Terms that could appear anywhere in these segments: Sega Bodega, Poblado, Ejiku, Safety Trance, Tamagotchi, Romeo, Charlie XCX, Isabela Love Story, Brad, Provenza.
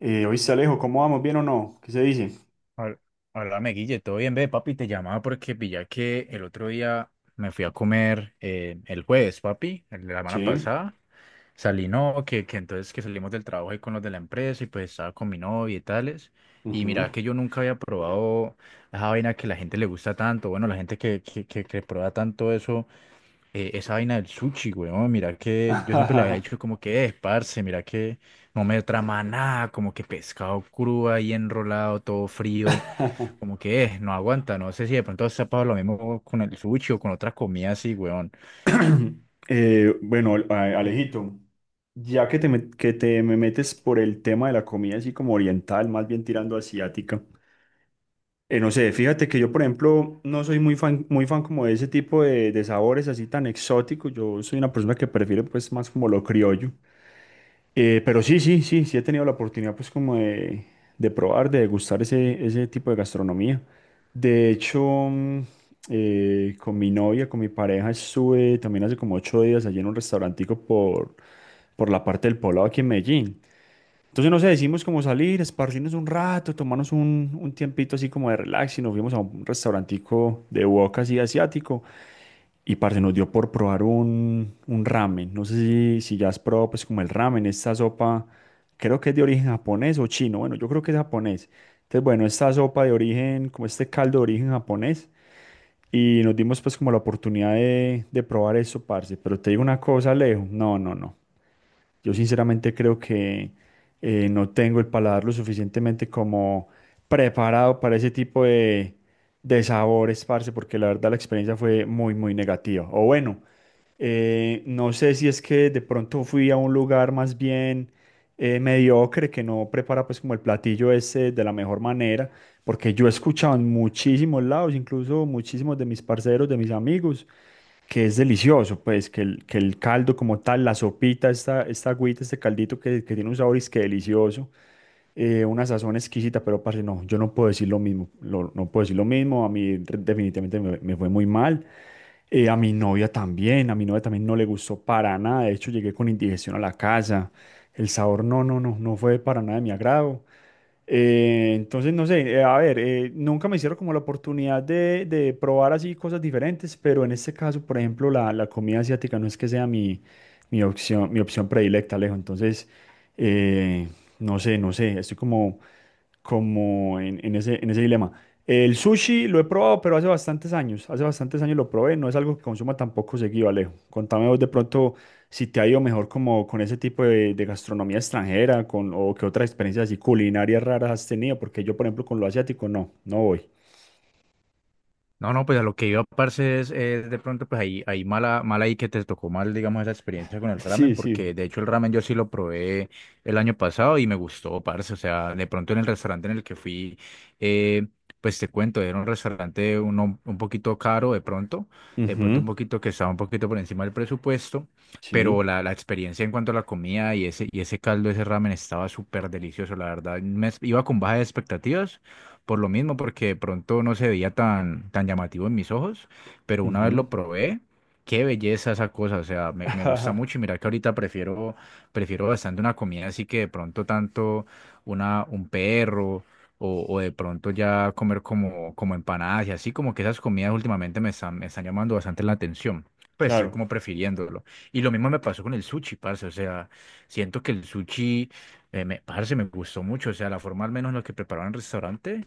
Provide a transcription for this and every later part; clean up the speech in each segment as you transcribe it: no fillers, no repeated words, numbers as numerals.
Oíste, Alejo, ¿cómo vamos? ¿Bien o no? ¿Qué se dice? Hab- Háblame, Guille, todo bien, ve, papi, te llamaba porque pillé que el otro día me fui a comer el jueves, papi, el de la semana Sí. pasada. Salí, no, que entonces que salimos del trabajo ahí con los de la empresa y pues estaba con mi novia y tales. Y Ujú. mira que yo nunca había probado esa vaina que la gente le gusta tanto, bueno, la gente que prueba tanto eso, esa vaina del sushi, weón, mira que yo siempre le había dicho como que es, parce, mira que no me trama nada, como que pescado crudo ahí enrolado, todo frío, como que es, no aguanta, no sé si de pronto se ha pasado lo mismo con el sushi o con otras comidas así, weón. Bueno, Alejito, ya que que te me metes por el tema de la comida así como oriental, más bien tirando asiática, no sé, fíjate que yo, por ejemplo, no soy muy fan como de ese tipo de sabores así tan exóticos. Yo soy una persona que prefiere pues más como lo criollo. Pero sí, sí, sí, sí he tenido la oportunidad pues como de probar, de degustar ese tipo de gastronomía. De hecho, mm, con mi novia, con mi pareja, estuve también hace como 8 días allí en un restaurantico por la parte del Poblado aquí en Medellín. Entonces, no sé, decimos como salir, esparcirnos un rato, tomarnos un tiempito así como de relax y nos fuimos a un restaurantico de wok así asiático. Y parce, nos dio por probar un ramen. No sé si ya has probado pues como el ramen, esta sopa, creo que es de origen japonés o chino. Bueno, yo creo que es japonés. Entonces, bueno, esta sopa de origen, como este caldo de origen japonés. Y nos dimos pues como la oportunidad de probar eso, parce. Pero te digo una cosa, Alejo. No, no, no. Yo sinceramente creo que no tengo el paladar lo suficientemente como preparado para ese tipo de sabores, parce, porque la verdad la experiencia fue muy, muy negativa. O bueno, no sé si es que de pronto fui a un lugar más bien mediocre que no prepara pues como el platillo ese de la mejor manera, porque yo he escuchado en muchísimos lados, incluso muchísimos de mis parceros, de mis amigos que es delicioso, pues, que el caldo como tal, la sopita, esta agüita, este caldito que tiene un sabor es que delicioso, una sazón exquisita, pero parce, no, yo no puedo decir lo mismo, no puedo decir lo mismo, definitivamente me fue muy mal, a mi novia también, a mi novia también no le gustó para nada, de hecho llegué con indigestión a la casa, el sabor no, no, no, no fue para nada de mi agrado, entonces, no sé, a ver, nunca me hicieron como la oportunidad de probar así cosas diferentes, pero en este caso, por ejemplo, la comida asiática no es que sea mi opción, mi opción predilecta, Alejo. Entonces, eh, no sé, no sé, estoy como en, en ese dilema. El sushi lo he probado, pero hace bastantes años. Hace bastantes años lo probé. No es algo que consuma tampoco seguido, Alejo. Contame vos de pronto si te ha ido mejor como con ese tipo de gastronomía extranjera o qué otras experiencias así culinarias raras has tenido. Porque yo, por ejemplo, con lo asiático no, no voy. No, no, pues a lo que iba, parce, es de pronto, pues ahí, ahí mala, mala ahí que te tocó mal, digamos, esa experiencia con el Sí, ramen, sí. porque de hecho el ramen yo sí lo probé el año pasado y me gustó, parce, o sea, de pronto en el restaurante en el que fui, eh, pues te cuento, era un restaurante uno, un poquito caro de pronto Ujú. un poquito que estaba un poquito por encima del presupuesto, pero Sí. la experiencia en cuanto a la comida y ese caldo, ese ramen estaba súper delicioso, la verdad, me, iba con bajas expectativas por lo mismo, porque de pronto no se veía tan, tan llamativo en mis ojos, pero una vez Ujú. lo probé, qué belleza esa cosa, o sea, me gusta mucho y mira que ahorita prefiero, prefiero bastante una comida así que de pronto tanto una, un perro o de pronto ya comer como, como empanadas y así, como que esas comidas últimamente me están llamando bastante la atención. Pues estoy Claro. como prefiriéndolo. Y lo mismo me pasó con el sushi, parce. O sea, siento que el sushi, me, parce, me gustó mucho. O sea, la forma al menos en la que preparaban el restaurante.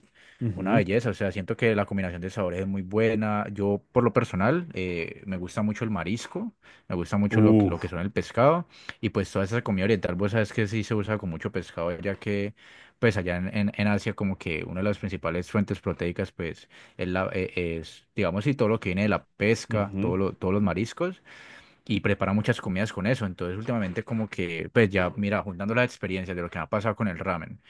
Una Ujú. belleza, o sea, siento que la combinación de sabores es muy buena. Yo, por lo personal, me gusta mucho el marisco, me gusta mucho lo, lo que Uf. son el pescado y pues toda esa comida oriental, vos sabes que sí se usa con mucho pescado, ya que pues allá en, en Asia como que una de las principales fuentes proteicas pues es, la, es, digamos, sí, todo lo que viene de la pesca, Ujú. todo todos los mariscos y prepara muchas comidas con eso. Entonces, últimamente como que pues ya, mira, juntando las experiencias de lo que me ha pasado con el ramen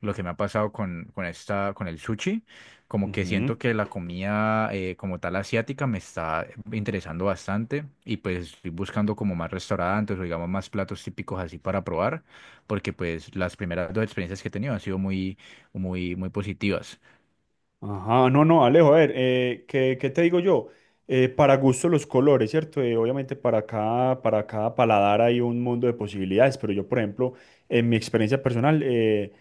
lo que me ha pasado con esta, con el sushi, como que Ujú. siento que la comida como tal asiática me está interesando bastante y pues estoy buscando como más restaurantes o digamos más platos típicos así para probar, porque pues las primeras dos experiencias que he tenido han sido muy, muy, muy positivas. Ajá, no, no, Alejo, a ver, ¿qué te digo yo? Para gusto los colores, ¿cierto? Obviamente para cada paladar hay un mundo de posibilidades, pero yo, por ejemplo, en mi experiencia personal,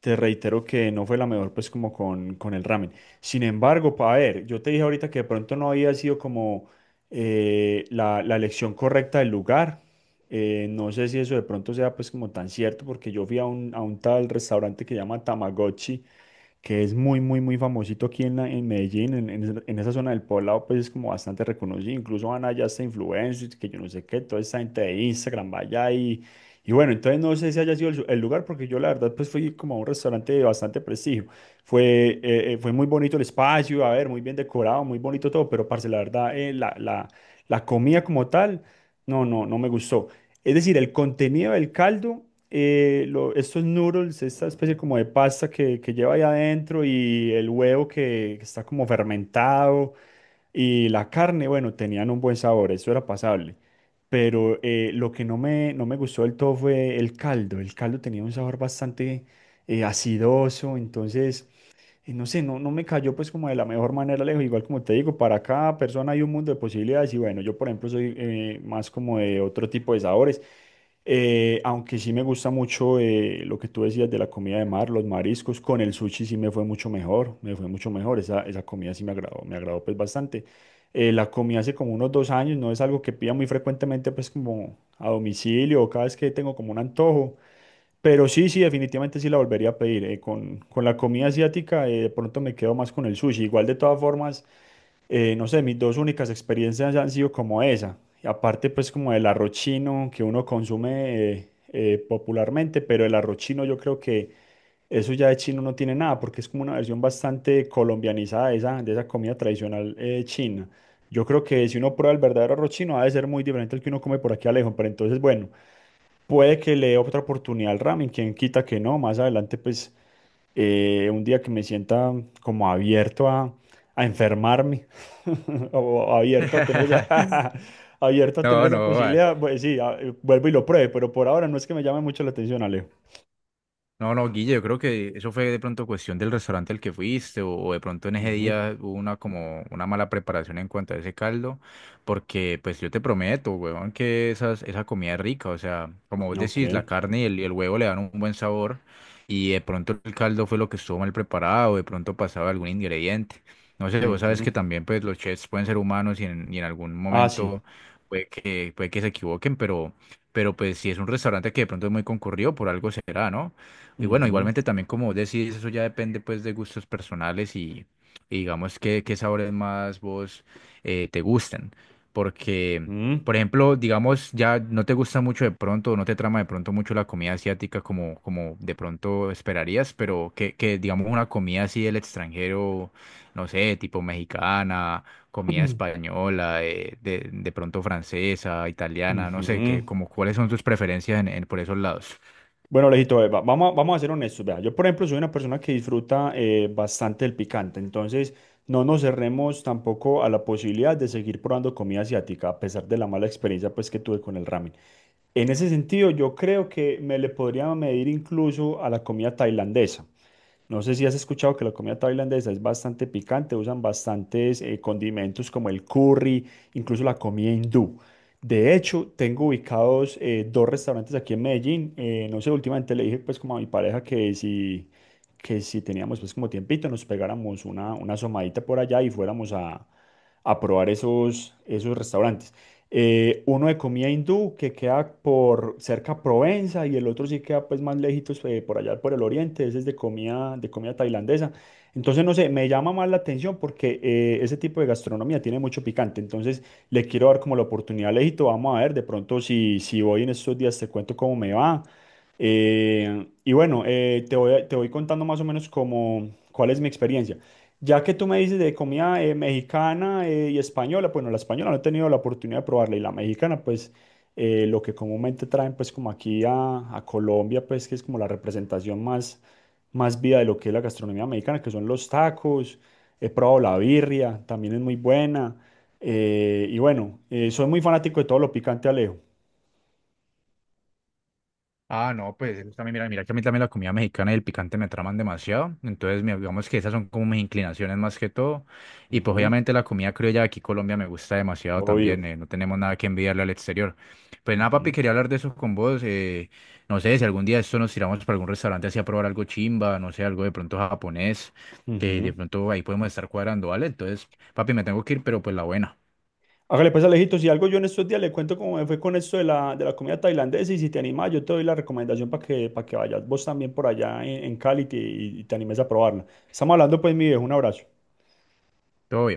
te reitero que no fue la mejor, pues, como con el ramen. Sin embargo, para ver, yo te dije ahorita que de pronto no había sido como la elección correcta del lugar. No sé si eso de pronto sea, pues, como tan cierto, porque yo fui a un tal restaurante que se llama Tamagotchi que es muy, muy, muy famosito aquí en Medellín, en esa zona del Poblado, pues es como bastante reconocido. Incluso van allá hasta influencers, que yo no sé qué, toda esta gente de Instagram va allá y bueno, entonces no sé si haya sido el lugar, porque yo la verdad pues fui como a un restaurante de bastante prestigio. Fue muy bonito el espacio, a ver, muy bien decorado, muy bonito todo, pero parce, la verdad, la comida como tal, no, no, no me gustó. Es decir, el contenido del caldo, estos noodles, esta especie como de pasta que lleva ahí adentro y el huevo que está como fermentado y la carne, bueno, tenían un buen sabor, eso era pasable. Pero lo que no me gustó del todo fue el caldo. El caldo tenía un sabor bastante acidoso, entonces, no sé, no, no me cayó pues como de la mejor manera, lejos. Igual como te digo, para cada persona hay un mundo de posibilidades y bueno, yo por ejemplo soy más como de otro tipo de sabores. Aunque sí me gusta mucho lo que tú decías de la comida de mar, los mariscos, con el sushi sí me fue mucho mejor, me fue mucho mejor, esa comida sí me agradó pues bastante. La comí hace como unos 2 años, no es algo que pida muy frecuentemente pues como a domicilio o cada vez que tengo como un antojo, pero sí, sí, definitivamente sí la volvería a pedir. Con la comida asiática de pronto me quedo más con el sushi, igual de todas formas no sé, mis dos únicas experiencias han sido como esa. Y aparte, pues, como el arroz chino que uno consume popularmente, pero el arroz chino yo creo que eso ya de chino no tiene nada, porque es como una versión bastante colombianizada de esa comida tradicional china. Yo creo que si uno prueba el verdadero arroz chino, ha de ser muy diferente al que uno come por aquí a lejos. Pero entonces, bueno, puede que le dé otra oportunidad al ramen, quien quita que no, más adelante, pues un día que me sienta como abierto a enfermarme o abierto a tener esa, abierto a tener No, esa no, posibilidad, pues sí, vuelvo y lo pruebe, pero por ahora no es que me llame mucho la atención, Alejo. no, no, Guille, yo creo que eso fue de pronto cuestión del restaurante al que fuiste o de pronto en ese Ujú. día hubo una como una mala preparación en cuanto a ese caldo, porque pues yo te prometo, huevón, que esas, esa comida es rica, o sea, como vos Ok. decís, la carne y el huevo le dan un buen sabor y de pronto el caldo fue lo que estuvo mal preparado, de pronto pasaba algún ingrediente. No sé, vos sabes Ujú. que también pues los chefs pueden ser humanos y en algún Ah, sí. momento puede que se equivoquen, pero pues si es un restaurante que de pronto es muy concurrido, por algo será, ¿no? Y bueno, Ujú. igualmente también como vos decís, eso ya depende pues de gustos personales y digamos que qué sabores más vos te gusten. Porque, Mm. por ejemplo, digamos, ya no te gusta mucho de pronto, o no te trama de pronto mucho la comida asiática como, como de pronto esperarías, pero que digamos una comida así del extranjero, no sé, tipo mexicana, comida española, de pronto francesa, italiana, no sé, que Ujú. como cuáles son tus preferencias en, por esos lados. Bueno, lejito, vamos a ser honestos. Vea. Yo, por ejemplo, soy una persona que disfruta bastante el picante, entonces no nos cerremos tampoco a la posibilidad de seguir probando comida asiática, a pesar de la mala experiencia pues, que tuve con el ramen. En ese sentido, yo creo que me le podría medir incluso a la comida tailandesa. No sé si has escuchado que la comida tailandesa es bastante picante, usan bastantes condimentos como el curry, incluso la comida hindú. De hecho, tengo ubicados dos restaurantes aquí en Medellín. No sé, últimamente le dije pues como a mi pareja que si teníamos pues como tiempito nos pegáramos una asomadita por allá y fuéramos a probar esos restaurantes. Uno de comida hindú que queda por cerca a Provenza y el otro sí queda pues más lejitos por allá por el oriente, ese es de comida tailandesa. Entonces, no sé, me llama más la atención porque ese tipo de gastronomía tiene mucho picante. Entonces, le quiero dar como la oportunidad a Lejito. Vamos a ver, de pronto si voy en estos días te cuento cómo me va. Y bueno, te voy contando más o menos como cuál es mi experiencia. Ya que tú me dices de comida mexicana y española, bueno, la española no he tenido la oportunidad de probarla y la mexicana, pues lo que comúnmente traen pues como aquí a Colombia, pues que es como la representación más viva de lo que es la gastronomía mexicana, que son los tacos, he probado la birria, también es muy buena, y bueno, soy muy fanático de todo lo picante, Alejo. Ah, no, pues eso también, mira, mira que a mí también la comida mexicana y el picante me traman demasiado. Entonces, digamos que esas son como mis inclinaciones más que todo. Y pues Ujú, obviamente la comida criolla de aquí en Colombia me gusta demasiado obvio. también. No tenemos nada que envidiarle al exterior. Pues nada, papi, Ujú. quería hablar de eso con vos. No sé, si algún día esto nos tiramos para algún restaurante así a probar algo chimba, no sé, algo de pronto japonés, que de Ujú. pronto ahí podemos estar cuadrando, ¿vale? Entonces, papi, me tengo que ir, pero pues la buena. Hágale pues Alejito, si algo yo en estos días le cuento cómo me fue con esto de la comida tailandesa y si te animas yo te doy la recomendación para que vayas vos también por allá en Cali, y te animes a probarla. Estamos hablando pues mi viejo, un abrazo. Todo bien.